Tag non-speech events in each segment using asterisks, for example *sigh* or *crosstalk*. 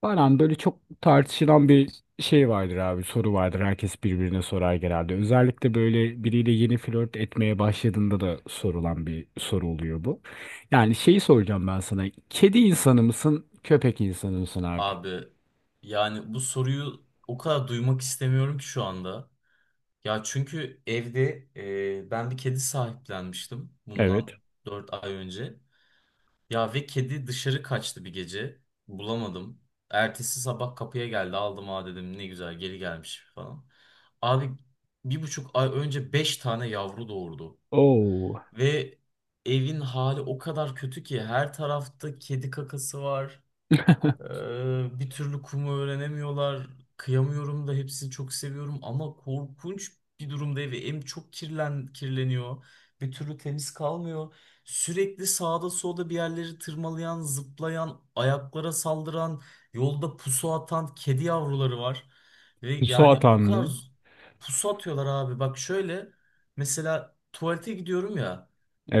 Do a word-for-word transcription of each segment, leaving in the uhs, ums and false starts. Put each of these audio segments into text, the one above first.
Falan böyle çok tartışılan bir şey vardır abi, soru vardır. Herkes birbirine sorar genelde. Özellikle böyle biriyle yeni flört etmeye başladığında da sorulan bir soru oluyor bu. Yani şeyi soracağım ben sana. Kedi insanı mısın, köpek insanı mısın abi? Abi yani bu soruyu o kadar duymak istemiyorum ki şu anda. Ya çünkü evde e, ben bir kedi sahiplenmiştim Evet. bundan dört ay önce. Ya ve kedi dışarı kaçtı bir gece. Bulamadım. Ertesi sabah kapıya geldi aldım, ha dedim ne güzel geri gelmiş falan. Abi bir buçuk ay önce beş tane yavru doğurdu. Oo. Ve evin hali o kadar kötü ki her tarafta kedi kakası var. *laughs* Ee, bir türlü kumu öğrenemiyorlar. Kıyamıyorum da, hepsini çok seviyorum ama korkunç bir durumda ve em çok kirlen kirleniyor. Bir türlü temiz kalmıyor. Sürekli sağda solda bir yerleri tırmalayan, zıplayan, ayaklara saldıran, yolda pusu atan kedi yavruları var. Ve yani Suat o kadar Hanım'ı. z- pusu atıyorlar abi. Bak şöyle mesela tuvalete gidiyorum ya.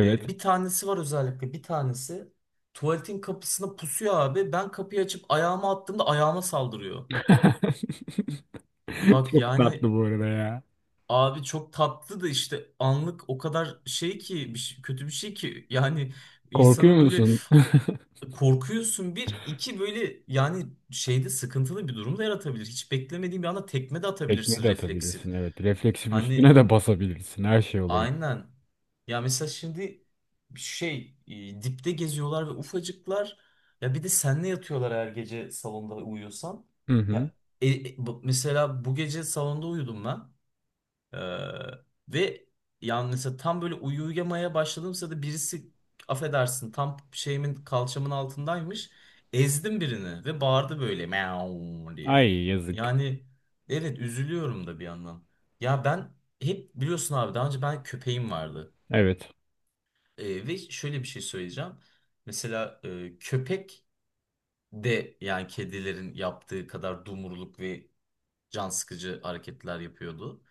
e, Bir tanesi var, özellikle bir tanesi. Tuvaletin kapısına pusuyor abi. Ben kapıyı açıp ayağımı attığımda ayağıma saldırıyor. *laughs* Bak Çok tatlı yani bu arada ya. abi, çok tatlı da işte anlık o kadar şey ki bir şey- kötü bir şey ki, yani Korkuyor insanı böyle musun? *laughs* korkuyorsun, bir iki böyle yani şeyde sıkıntılı bir durum da yaratabilir. Hiç beklemediğin bir anda tekme de Tekme atabilirsin de refleksif. atabilirsin, evet. Refleksif üstüne Hani de basabilirsin. Her şey oluyor. aynen. Ya mesela şimdi şey e, dipte geziyorlar ve ufacıklar. Ya bir de senle yatıyorlar her gece salonda uyuyorsan. Hı hı. Ya e, e, bu- mesela bu gece salonda uyudum ben. Ee, Ve yani mesela tam böyle uyu- uyuyamaya başladığım sırada birisi, affedersin, tam şeyimin kalçamın altındaymış. Ezdim birini ve bağırdı böyle meow diye. Ay yazık. Yani evet, üzülüyorum da bir yandan. Ya ben, hep biliyorsun abi, daha önce ben köpeğim vardı. Evet. Ee, ve şöyle bir şey söyleyeceğim. Mesela e, köpek de yani kedilerin yaptığı kadar dumurluk ve can sıkıcı hareketler yapıyordu.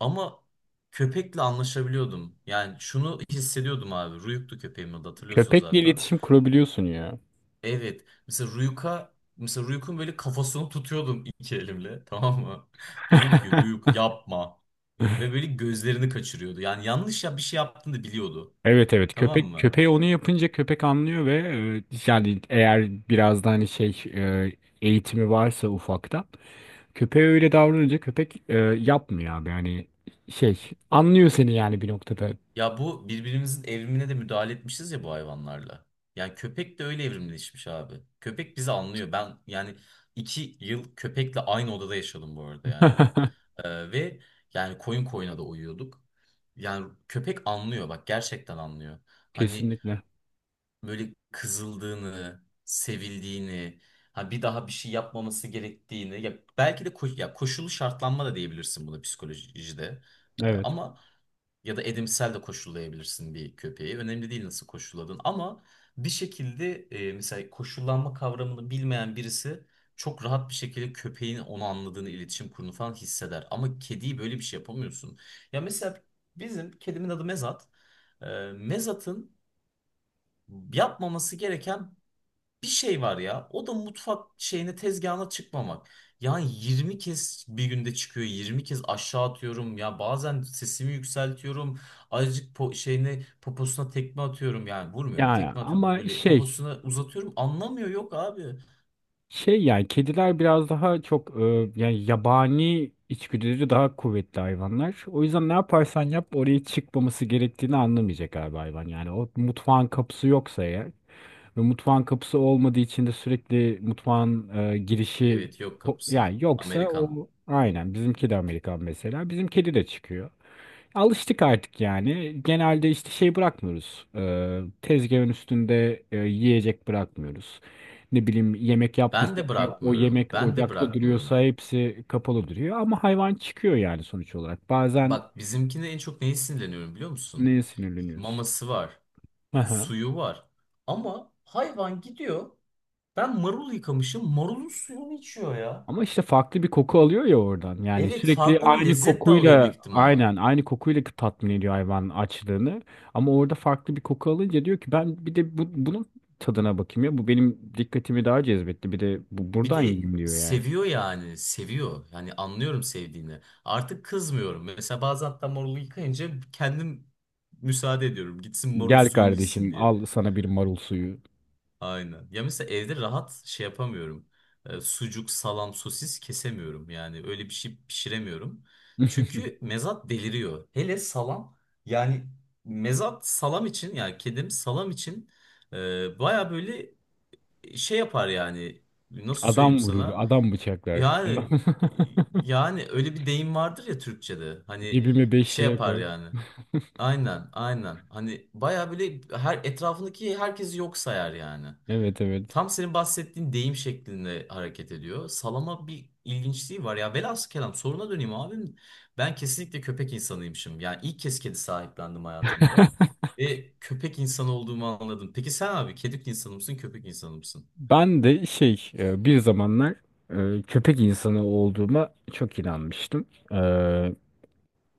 Ama köpekle anlaşabiliyordum. Yani şunu hissediyordum abi. Ruyuk'tu köpeğimin adı, hatırlıyorsun Köpekle zaten. iletişim kurabiliyorsun ya. Evet. Mesela Ruyuk'a, mesela Ruyuk'un böyle kafasını tutuyordum iki elimle. Tamam mı? *laughs* Diyordum ki *laughs* Ruyuk yapma. Ve böyle gözlerini kaçırıyordu. Yani yanlış ya bir şey yaptığını da biliyordu. Evet, evet, Tamam köpek mı? köpeği onu yapınca köpek anlıyor. Ve e, yani eğer biraz da hani şey e, eğitimi varsa ufaktan köpeğe öyle davranınca köpek e, yapmıyor abi, yani şey anlıyor seni yani bir noktada. Ya bu, birbirimizin evrimine de müdahale etmişiz ya bu hayvanlarla. Yani köpek de öyle evrimleşmiş abi. Köpek bizi anlıyor. Ben yani iki yıl köpekle aynı odada yaşadım bu arada, yani. *laughs* Ee, ve yani koyun koyuna da uyuyorduk. Yani köpek anlıyor, bak gerçekten anlıyor. Hani Kesinlikle. böyle kızıldığını, sevildiğini, ha bir daha bir şey yapmaması gerektiğini. Ya belki de ko- ya koşullu şartlanma da diyebilirsin buna psikolojide. Ee, Evet. Ama ya da edimsel de koşullayabilirsin bir köpeği. Önemli değil nasıl koşulladın. Ama bir şekilde e, mesela koşullanma kavramını bilmeyen birisi çok rahat bir şekilde köpeğin onu anladığını, iletişim kurduğunu falan hisseder. Ama kediyi böyle bir şey yapamıyorsun. Ya mesela bizim kedimin adı Mezat. E, Mezat'ın yapmaması gereken bir şey var ya. O da mutfak şeyine, tezgahına çıkmamak. Yani yirmi kez bir günde çıkıyor, yirmi kez aşağı atıyorum. Ya bazen sesimi yükseltiyorum. Azıcık po şeyine poposuna tekme atıyorum. Yani vurmuyorum, Yani tekme atıyorum. ama Böyle şey poposuna uzatıyorum. Anlamıyor. Yok abi. Şey yani kediler biraz daha çok, e, yani yabani içgüdüleri daha kuvvetli hayvanlar. O yüzden ne yaparsan yap oraya çıkmaması gerektiğini anlamayacak galiba hayvan. Yani o mutfağın kapısı yoksa eğer, ve mutfağın kapısı olmadığı için de sürekli mutfağın e, girişi, Evet, yok ho- kapısı. yani yoksa Amerikan. o. Aynen, bizim kedi Amerikan mesela. Bizim kedi de çıkıyor. Alıştık artık yani. Genelde işte şey bırakmıyoruz. Ee, tezgahın üstünde e, yiyecek bırakmıyoruz. Ne bileyim, yemek Ben yaptıysak de o bırakmıyorum, yemek Ben de ocakta bırakmıyorum. duruyorsa hepsi kapalı duruyor. Ama hayvan çıkıyor yani sonuç olarak. Bazen Bak bizimkine en çok neye sinirleniyorum biliyor musun? neye sinirleniyoruz? Maması var, *laughs* suyu var. Ama hayvan gidiyor, ben marul yıkamışım, marulun suyunu içiyor ya. Ama işte farklı bir koku alıyor ya oradan. Yani Evet, sürekli farklı bir aynı lezzet de alıyor büyük kokuyla, ihtimal. aynen aynı kokuyla tatmin ediyor hayvan açlığını. Ama orada farklı bir koku alınca diyor ki ben bir de bu, bunun tadına bakayım ya. Bu benim dikkatimi daha cezbetti. Bir de bu, Bir buradan de yiyeyim diyor yani. seviyor, yani seviyor. Yani anlıyorum sevdiğini. Artık kızmıyorum. Mesela bazen hatta marulu yıkayınca kendim müsaade ediyorum, gitsin marul Gel suyunu içsin. kardeşim, al sana bir marul suyu. Aynen. Ya mesela evde rahat şey yapamıyorum. E, sucuk, salam, sosis kesemiyorum. Yani öyle bir şey pişiremiyorum. Çünkü *laughs* mezat deliriyor. Hele salam. Yani mezat salam için yani kedim salam için e, baya böyle şey yapar yani. Nasıl söyleyeyim Adam vurur, sana? adam bıçaklar. Yani *laughs* Yani öyle bir deyim vardır ya Türkçe'de. Hani Cebime beş şey lira yapar koy. yani. Aynen, aynen. Hani baya böyle her etrafındaki herkesi yok sayar yani. Evet, evet. Tam senin bahsettiğin deyim şeklinde hareket ediyor. Salama bir ilginçliği var. Ya velhasıl kelam, soruna döneyim abim. Ben kesinlikle köpek insanıymışım. Yani ilk kez kedi sahiplendim hayatımda. Ve köpek insanı olduğumu anladım. Peki sen abi, kedi insanı mısın, köpek insanı mısın? Ben de şey e, bir zamanlar e, köpek insanı olduğuma çok inanmıştım. E,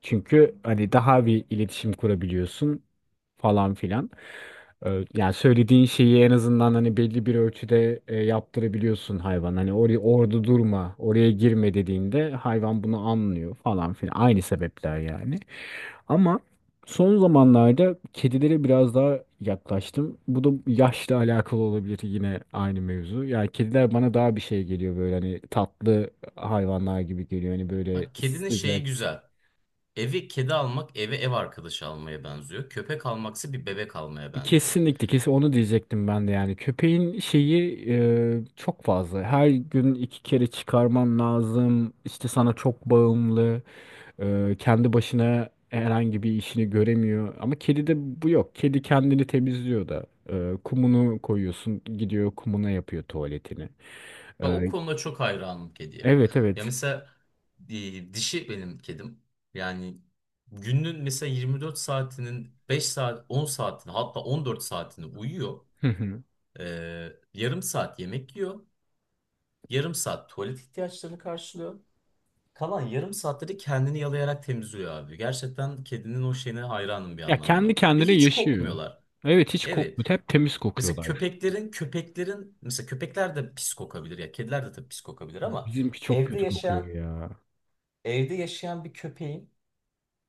Çünkü hani daha bir iletişim kurabiliyorsun falan filan. E, Yani söylediğin şeyi en azından hani belli bir ölçüde e, yaptırabiliyorsun hayvan. Hani oraya orada durma, oraya girme dediğinde hayvan bunu anlıyor falan filan. Aynı sebepler yani. Ama son zamanlarda kedilere biraz daha yaklaştım. Bu da yaşla alakalı olabilir, yine aynı mevzu. Yani kediler bana daha bir şey geliyor, böyle hani tatlı hayvanlar gibi geliyor. Hani böyle Bak, kedinin şeyi sıcak. güzel. Evi kedi almak eve ev arkadaşı almaya benziyor. Köpek almaksa bir bebek almaya benziyor. Kesinlikle, kesin onu diyecektim ben de yani. Köpeğin şeyi e, çok fazla. Her gün iki kere çıkarman lazım. İşte sana çok bağımlı. Ee, kendi başına herhangi bir işini göremiyor. Ama kedide bu yok. Kedi kendini temizliyor da. Ee, kumunu koyuyorsun, gidiyor kumuna yapıyor tuvaletini. Bak, o Ee, konuda çok hayranım kediye. evet Ya evet. mesela e, dişi benim kedim. Yani günün mesela yirmi dört saatinin, beş saat, on saatini, hatta on dört saatini uyuyor. Hı hı. Ee, yarım saat yemek yiyor. Yarım saat tuvalet ihtiyaçlarını karşılıyor. Kalan yarım saatte de kendini yalayarak temizliyor abi. Gerçekten kedinin o şeyine hayranım bir Ya anlamda. kendi Ve kendine hiç yaşıyor. kokmuyorlar. Evet, hiç Evet. kokmuyor. Hep temiz Mesela kokuyorlar. köpeklerin köpeklerin mesela köpekler de pis kokabilir ya, kediler de tabii pis kokabilir ama Bizimki çok Evde kötü kokuyor yaşayan ya. evde yaşayan bir köpeğin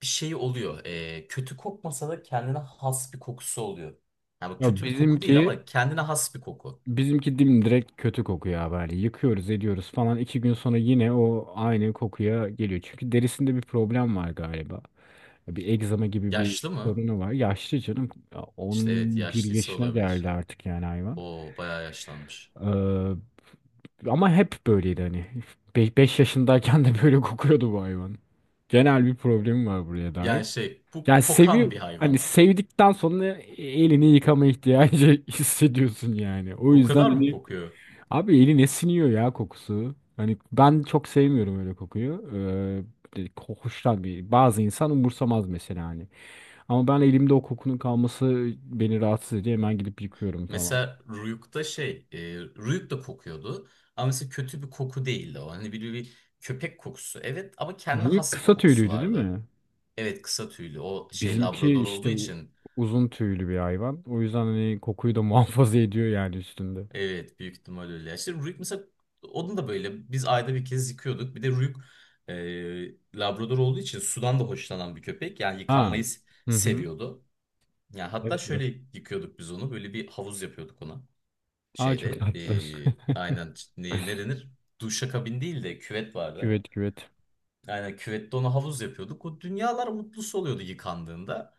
bir şeyi oluyor. Ee, kötü kokmasa da kendine has bir kokusu oluyor. Yani bu Ya kötü bir koku değil bizimki ama kendine has bir koku. bizimki dimdirek kötü kokuyor abi. Hani yıkıyoruz, ediyoruz falan. iki gün sonra yine o aynı kokuya geliyor. Çünkü derisinde bir problem var galiba. Bir egzama gibi bir Yaşlı mı? sorunu var. Yaşlı canım. Ya on İşte evet, bir yaşlıysa yaşına olabilir. geldi artık yani hayvan. O bayağı yaşlanmış. Ee, ama hep böyleydi hani. Beş yaşındayken de böyle kokuyordu bu hayvan. Genel bir problemi var buraya dair. Yani şey, bu Yani kokan seviyor, bir hani hayvan. sevdikten sonra elini yıkama ihtiyacı *laughs* hissediyorsun yani. O O yüzden kadar mı hani kokuyor? abi eline siniyor ya kokusu. Hani ben çok sevmiyorum öyle kokuyu. Ee, hoştan bir bazı insan umursamaz mesela hani, ama ben elimde o kokunun kalması beni rahatsız ediyor. Hemen gidip yıkıyorum falan. Mesela Ruyuk'ta şey e, Ruyuk da kokuyordu. Ama mesela kötü bir koku değildi o. Hani bir, bir köpek kokusu. Evet ama kendine Büyük has bir kısa kokusu tüylüydü değil vardı. mi? Evet, kısa tüylü. O şey, Bizimki Labrador olduğu işte u- için. uzun tüylü bir hayvan. O yüzden hani kokuyu da *laughs* muhafaza ediyor yani üstünde. Evet, büyük ihtimal öyle. İşte Ruik mesela, onun da böyle biz ayda bir kez yıkıyorduk. Bir de Ruik e, Labrador olduğu için sudan da hoşlanan bir köpek. Yani Ha. yıkanmayı s- Hı hı. seviyordu. Yani hatta Evet, evet. şöyle yıkıyorduk biz onu, böyle bir havuz yapıyorduk ona. Aa, çok Şeyde tatlı. e, aynen, ne, ne denir? Duşakabin değil de küvet *laughs* vardı. Küvet, küvet. Yani küvette ona havuz yapıyorduk. O dünyalar mutlusu oluyordu yıkandığında.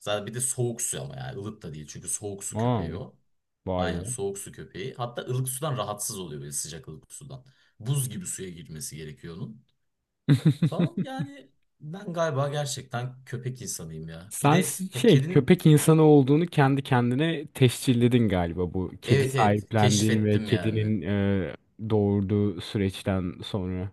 Zaten bir de soğuk su ama yani ılık da değil. Çünkü soğuk su Aa, köpeği o. vay Aynen, be. soğuk su köpeği. Hatta ılık sudan rahatsız oluyor, böyle sıcak ılık sudan. Buz gibi suya girmesi gerekiyor onun. Falan *laughs* yani, ben galiba gerçekten köpek insanıyım ya. Bir Sen de s- ya şey kedin, köpek insanı olduğunu kendi kendine tescilledin galiba, bu kedi evet evet, sahiplendiğin ve keşfettim yani. kedinin e, doğurduğu süreçten sonra.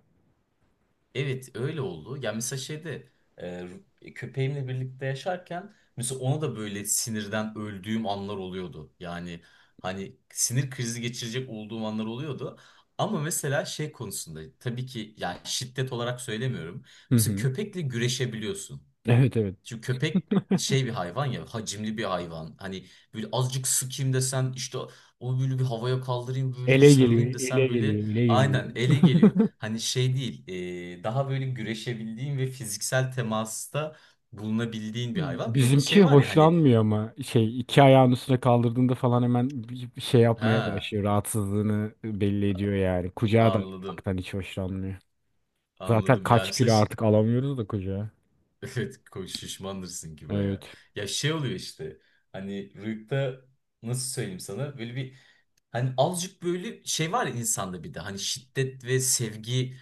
Evet öyle oldu. Ya mesela şeyde e, e, köpeğimle birlikte yaşarken mesela ona da böyle sinirden öldüğüm anlar oluyordu. Yani hani sinir krizi geçirecek olduğum anlar oluyordu. Ama mesela şey konusunda tabii ki, yani şiddet olarak söylemiyorum. Hı Mesela hı. köpekle güreşebiliyorsun. Evet, evet. Çünkü köpek şey bir hayvan ya, hacimli bir hayvan. Hani böyle azıcık sıkayım desen, işte onu böyle bir havaya kaldırayım böyle Ele geliyor, sarılayım desen, ele böyle geliyor, ele geliyor. aynen ele geliyor. Hani şey değil, e, daha böyle güreşebildiğin ve fiziksel temasta bulunabildiğin bir hayvan. Bir de Bizimki şey var ya hani, hoşlanmıyor, ama şey iki ayağın üstüne kaldırdığında falan hemen bir bir şey yapmaya ha, başlıyor. Rahatsızlığını belli ediyor yani. Kucağa da anladım, almaktan hiç hoşlanmıyor. Zaten anladım, yani kaç mesela kilo ş- artık alamıyoruz da kucağa. *laughs* evet, ko- şişmandırsın ki baya. Evet. Ya şey oluyor işte, hani rüyukta, nasıl söyleyeyim sana, böyle bir, hani azıcık böyle şey var ya insanda, bir de hani şiddet ve sevgi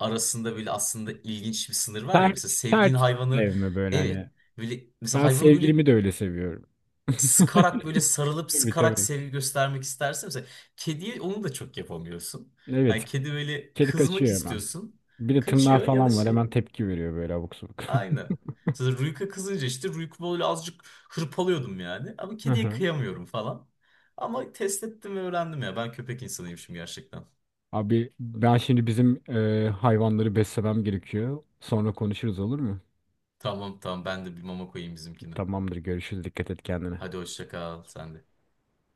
arasında böyle aslında ilginç bir sınır var ya. Sert, Mesela sevdiğin sert hayvanı, sevme böyle hani. evet böyle, mesela Ben hayvanı böyle sevgilimi de öyle seviyorum. *laughs* sıkarak, böyle sarılıp Tabii, sıkarak tabii. sevgi göstermek istersen mesela, kediye onu da çok yapamıyorsun. Hani Evet. kedi, böyle Kedi kızmak kaçıyor hemen. istiyorsun, Bir de tırnağı kaçıyor ya da falan var. şey, Hemen tepki veriyor böyle abuk sabuk. aynı. Mesela Ruyk'a kızınca işte Ruyk'u böyle azıcık hırpalıyordum yani, ama kediye *laughs* kıyamıyorum falan. Ama test ettim ve öğrendim ya, ben köpek insanıymışım gerçekten. Abi ben şimdi bizim e, hayvanları beslemem gerekiyor. Sonra konuşuruz, olur mu? Tamam tamam, ben de bir mama koyayım bizimkine. Tamamdır, görüşürüz. Dikkat et kendine. Hadi hoşça kal sen de.